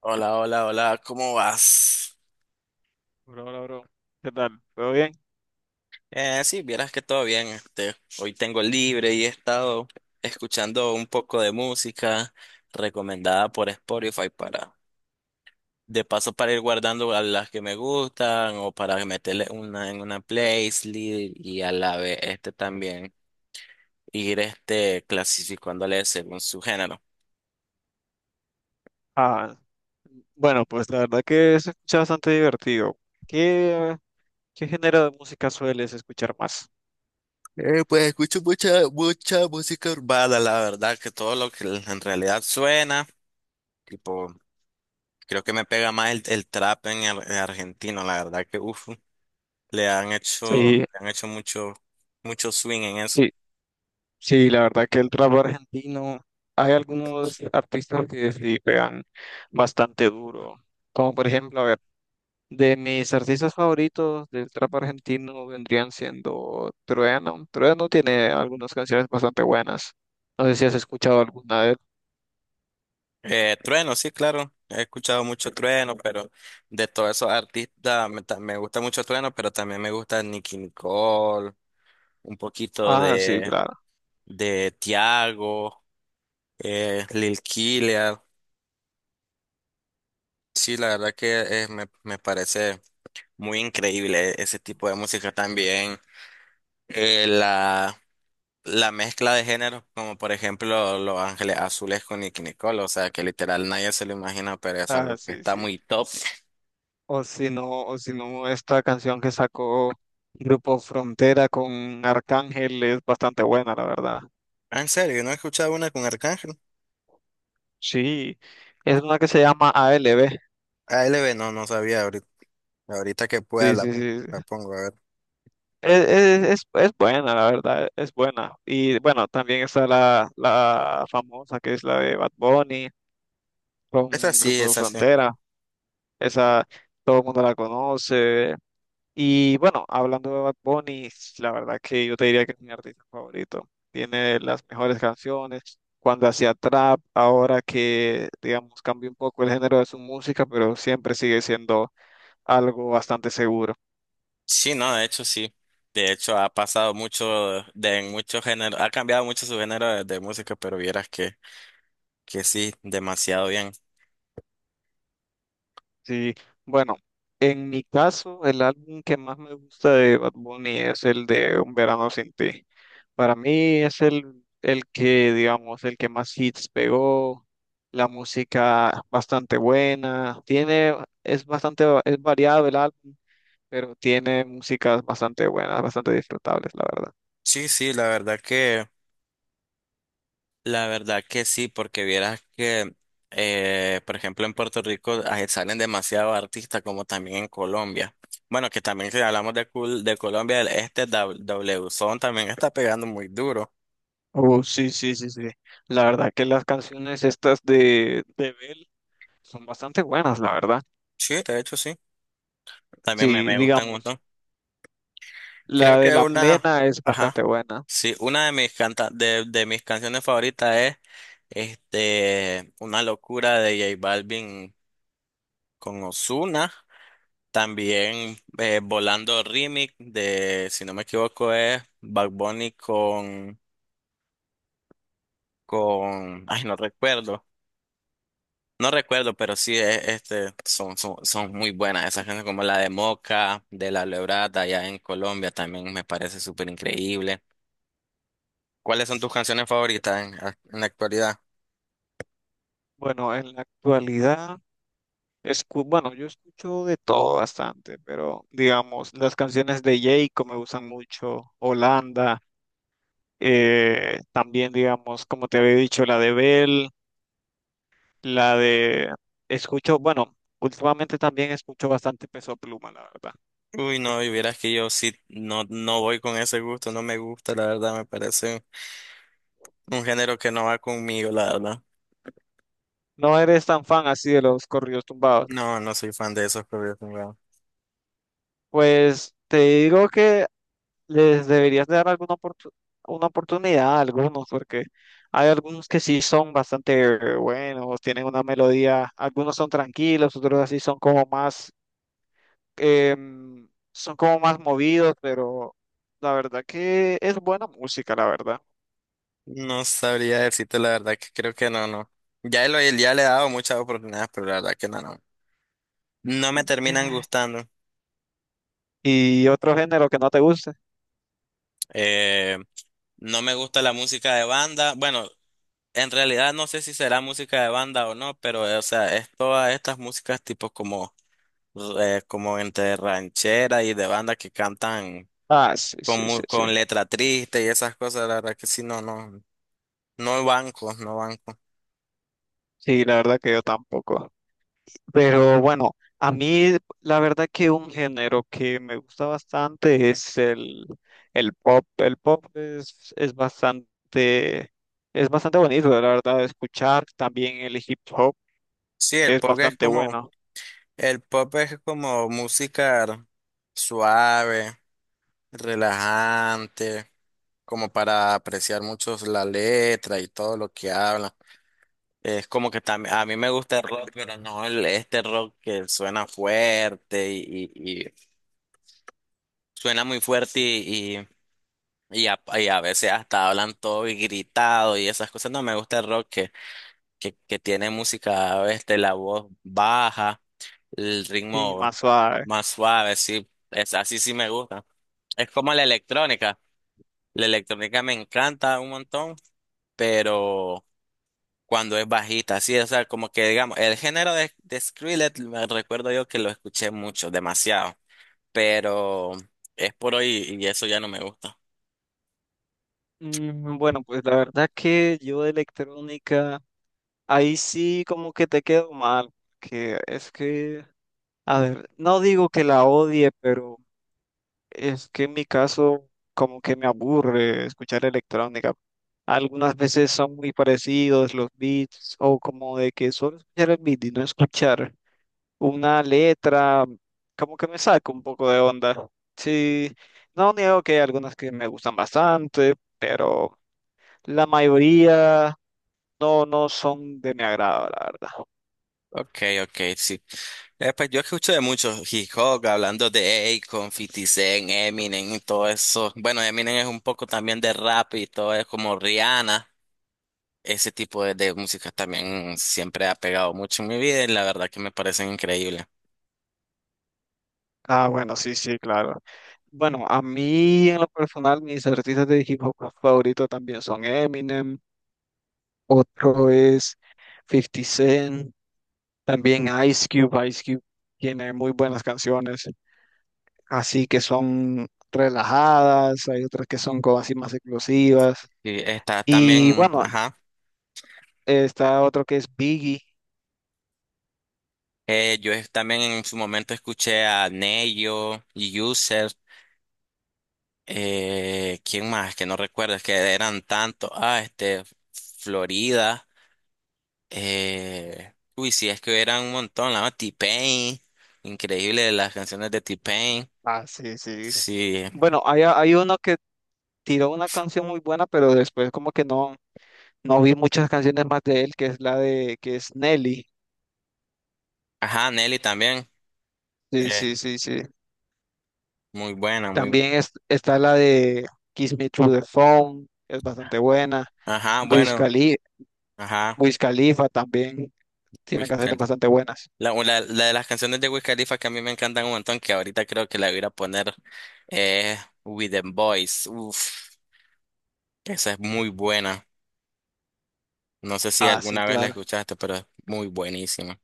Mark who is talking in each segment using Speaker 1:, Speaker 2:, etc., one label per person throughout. Speaker 1: Hola, hola, hola, ¿cómo vas?
Speaker 2: Bro, bro, bro. ¿Qué tal? ¿Todo bien?
Speaker 1: Sí, vieras que todo bien, hoy tengo libre y he estado escuchando un poco de música recomendada por Spotify para, de paso para ir guardando a las que me gustan o para meterle una en una playlist y a la vez también ir clasificándole según su género.
Speaker 2: Ah, bueno, pues la verdad que se escucha bastante divertido. ¿Qué, qué género de música sueles escuchar más?
Speaker 1: Pues escucho mucha música urbana, la verdad, que todo lo que en realidad suena. Tipo, Creo que me pega más el trap argentino, la verdad que uf,
Speaker 2: Sí,
Speaker 1: le han hecho mucho swing en eso.
Speaker 2: sí, sí, la verdad que el trap argentino, hay algunos artistas que sí pegan bastante duro. Como por ejemplo, a ver, de mis artistas favoritos del trap argentino vendrían siendo Trueno. Trueno tiene algunas canciones bastante buenas. No sé si has escuchado alguna de él.
Speaker 1: Trueno, sí, claro, he escuchado mucho Trueno, pero de todos esos artistas me gusta mucho Trueno, pero también me gusta Nicki Nicole, un poquito
Speaker 2: Ah, sí, claro.
Speaker 1: de Tiago, Lil Killer. Sí, la verdad que me parece muy increíble ese tipo de música también. Eh, la la mezcla de géneros, como por ejemplo Los Ángeles Azules con Nicki Nicole, o sea que literal nadie se lo imagina, pero es
Speaker 2: Ah,
Speaker 1: algo que
Speaker 2: sí,
Speaker 1: está
Speaker 2: sí.
Speaker 1: muy top.
Speaker 2: O si no, esta canción que sacó Grupo Frontera con Arcángel es bastante buena, la verdad.
Speaker 1: Ah, en serio, no he escuchado una con Arcángel.
Speaker 2: Sí, es una que se llama ALB.
Speaker 1: A ALB no, no sabía ahorita. Ahorita que pueda
Speaker 2: Sí, sí,
Speaker 1: la
Speaker 2: sí.
Speaker 1: pongo a ver.
Speaker 2: Es buena, la verdad, es buena. Y bueno, también está la famosa que es la de Bad Bunny
Speaker 1: Esa
Speaker 2: con
Speaker 1: sí,
Speaker 2: Grupo
Speaker 1: esa sí.
Speaker 2: Frontera. Esa todo el mundo la conoce. Y bueno, hablando de Bad Bunny, la verdad que yo te diría que es mi artista favorito. Tiene las mejores canciones. Cuando hacía trap, ahora que, digamos, cambió un poco el género de su música, pero siempre sigue siendo algo bastante seguro.
Speaker 1: Sí, no, de hecho sí. De hecho ha pasado mucho de en muchos géneros, ha cambiado mucho su género de música, pero vieras que sí, demasiado bien.
Speaker 2: Sí, bueno, en mi caso, el álbum que más me gusta de Bad Bunny es el de Un Verano Sin Ti. Para mí es el que, digamos, el que más hits pegó, la música bastante buena, tiene, es bastante, es variado el álbum, pero tiene músicas bastante buenas, bastante disfrutables, la verdad.
Speaker 1: Sí, sí, la verdad que sí, porque vieras que, por ejemplo, en Puerto Rico ah, salen demasiados artistas, como también en Colombia. Bueno, que también si hablamos de Colombia, W W Son también está pegando muy duro.
Speaker 2: Oh, sí, sí, sí, sí. La verdad que las canciones estas de Bell son bastante buenas, la verdad.
Speaker 1: Sí, de hecho sí, también
Speaker 2: Sí,
Speaker 1: me gustan un
Speaker 2: digamos.
Speaker 1: montón. Creo
Speaker 2: La de
Speaker 1: que
Speaker 2: La
Speaker 1: una,
Speaker 2: Plena es
Speaker 1: ajá,
Speaker 2: bastante buena.
Speaker 1: sí, una de mis canciones favoritas es, Una Locura de J Balvin con Ozuna. También Volando Remix de, si no me equivoco, es Bad Bunny ay, no recuerdo, pero sí, son muy buenas esas canciones como la de Moca, de La Lebrada, allá en Colombia, también me parece súper increíble. ¿Cuáles son tus canciones favoritas en la actualidad?
Speaker 2: Bueno, en la actualidad, bueno, yo escucho de todo bastante, pero digamos, las canciones de Jayco me gustan mucho, Holanda, también digamos, como te había dicho, la de Bell, la de... Escucho, bueno, últimamente también escucho bastante Peso Pluma, la verdad.
Speaker 1: Uy, no, y vieras que yo sí, no, no voy con ese gusto, no me gusta, la verdad, me parece un género que no va conmigo, la verdad.
Speaker 2: No eres tan fan así de los corridos tumbados.
Speaker 1: No, no soy fan de esos corridos.
Speaker 2: Pues te digo que les deberías de dar una oportunidad a algunos, porque hay algunos que sí son bastante buenos, tienen una melodía, algunos son tranquilos, otros así son como más, son como más movidos, pero la verdad que es buena música, la verdad.
Speaker 1: No sabría decirte la verdad que creo que no, no. Ya, ya le he dado muchas oportunidades, pero la verdad que no, no. No
Speaker 2: Mm.
Speaker 1: me terminan gustando.
Speaker 2: Y otro género que no te guste.
Speaker 1: Eh, no me gusta la música de banda. Bueno, en realidad no sé si será música de banda o no, pero o sea, es todas estas músicas tipo como entre ranchera y de banda que cantan
Speaker 2: Ah, sí, sí, sí, sí.
Speaker 1: con letra triste y esas cosas, la verdad que sí, no, no. No banco, no banco.
Speaker 2: Sí, la verdad que yo tampoco. Pero bueno, a mí la verdad que un género que me gusta bastante es el pop. El pop es bastante bonito, la verdad, de escuchar. También el hip hop
Speaker 1: Sí, el
Speaker 2: es
Speaker 1: pop es
Speaker 2: bastante
Speaker 1: como...
Speaker 2: bueno
Speaker 1: El pop es como música suave, relajante, como para apreciar mucho la letra y todo lo que habla. Es como que también, a mí me gusta el rock, pero no el rock que suena fuerte y suena muy fuerte y a veces hasta hablan todo y gritado y esas cosas. No me gusta el rock que tiene música, la voz baja, el
Speaker 2: y
Speaker 1: ritmo.
Speaker 2: más suave.
Speaker 1: Más suave, sí. Es, así sí me gusta. Es como la electrónica. La electrónica me encanta un montón, pero cuando es bajita, sí, o sea, como que digamos, el género de Skrillex, me recuerdo yo que lo escuché mucho, demasiado, pero es por hoy y eso ya no me gusta.
Speaker 2: Mm, bueno, pues la verdad que yo de electrónica, ahí sí como que te quedo mal, que es que, a ver, no digo que la odie, pero es que en mi caso, como que me aburre escuchar electrónica. Algunas veces son muy parecidos los beats, o como de que solo escuchar el beat y no escuchar una letra, como que me saca un poco de onda. Sí, no niego que hay algunas que me gustan bastante, pero la mayoría no, no son de mi agrado, la verdad.
Speaker 1: Ok, ok, sí. Pues yo escucho de muchos hip hop, hablando de Akon, Fifty Cent, Eminem y todo eso. Bueno, Eminem es un poco también de rap y todo es como Rihanna. Ese tipo de música también siempre ha pegado mucho en mi vida y la verdad que me parecen increíbles.
Speaker 2: Ah, bueno, sí, sí, claro. Bueno, a mí en lo personal, mis artistas de hip hop favoritos también son Eminem. Otro es Fifty Cent, también Ice Cube. Ice Cube tiene muy buenas canciones, así que son relajadas, hay otras que son como así más explosivas.
Speaker 1: Y está
Speaker 2: Y
Speaker 1: también,
Speaker 2: bueno,
Speaker 1: ajá,
Speaker 2: está otro que es Biggie.
Speaker 1: también en su momento escuché a Neyo, User, ¿quién más? Que no recuerdo, es que eran tantos, ah, Florida, uy, sí, es que eran un montón, la verdad, T-Pain, increíble las canciones de T-Pain,
Speaker 2: Ah, sí, sí.
Speaker 1: sí,
Speaker 2: Bueno, hay uno que tiró una canción muy buena, pero después como que no, no vi muchas canciones más de él, que es la de, que es Nelly.
Speaker 1: ajá, Nelly también,
Speaker 2: Sí,
Speaker 1: eh,
Speaker 2: sí, sí, sí.
Speaker 1: muy buena, muy,
Speaker 2: También está la de Kiss Me Through the Phone, es bastante buena.
Speaker 1: ajá,
Speaker 2: Wiz
Speaker 1: bueno.
Speaker 2: Khali-
Speaker 1: Ajá.
Speaker 2: Wiz Khalifa también tiene
Speaker 1: Wiz
Speaker 2: canciones
Speaker 1: Khalifa,
Speaker 2: bastante buenas.
Speaker 1: La de las canciones de Wiz Khalifa que a mí me encantan un montón, que ahorita creo que la voy a ir a poner es With the Boys. Uf, esa es muy buena. No sé si
Speaker 2: Ah, sí,
Speaker 1: alguna vez la
Speaker 2: claro.
Speaker 1: escuchaste, pero es muy buenísima.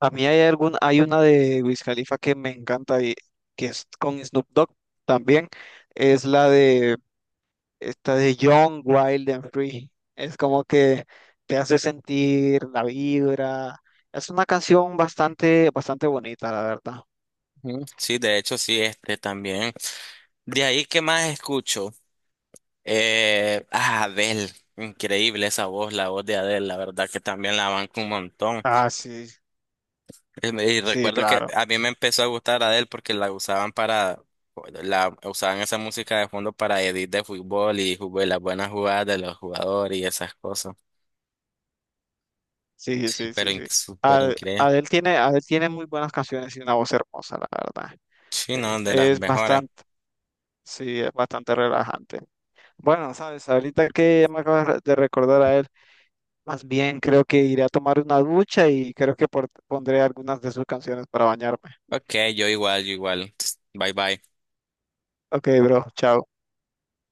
Speaker 2: A mí hay algún, hay una de Wiz Khalifa que me encanta y que es con Snoop Dogg también. Es la de esta de Young, Wild and Free. Es como que te hace sentir la vibra. Es una canción bastante, bastante bonita, la verdad.
Speaker 1: Ujú. Sí, de hecho, sí, también. De ahí, ¿qué más escucho? Adele. Increíble esa voz, la voz de Adele, la verdad que también la banco un montón.
Speaker 2: Ah, sí,
Speaker 1: Y
Speaker 2: sí,
Speaker 1: recuerdo que
Speaker 2: claro.
Speaker 1: a mí me empezó a gustar Adele porque la usaban para, la usaban esa música de fondo para edit de fútbol las buenas jugadas de los jugadores y esas cosas.
Speaker 2: Sí,
Speaker 1: Sí,
Speaker 2: sí, sí, sí.
Speaker 1: súper increíble.
Speaker 2: Adele tiene muy buenas canciones y una voz hermosa, la verdad.
Speaker 1: Sí, no, de las
Speaker 2: Es
Speaker 1: mejores.
Speaker 2: bastante, sí, es bastante relajante. Bueno, sabes, ahorita que me acabas de recordar a él, más bien creo que iré a tomar una ducha y creo que pondré algunas de sus canciones para bañarme.
Speaker 1: Ok, yo igual, yo igual. Bye bye.
Speaker 2: Ok, bro, chao.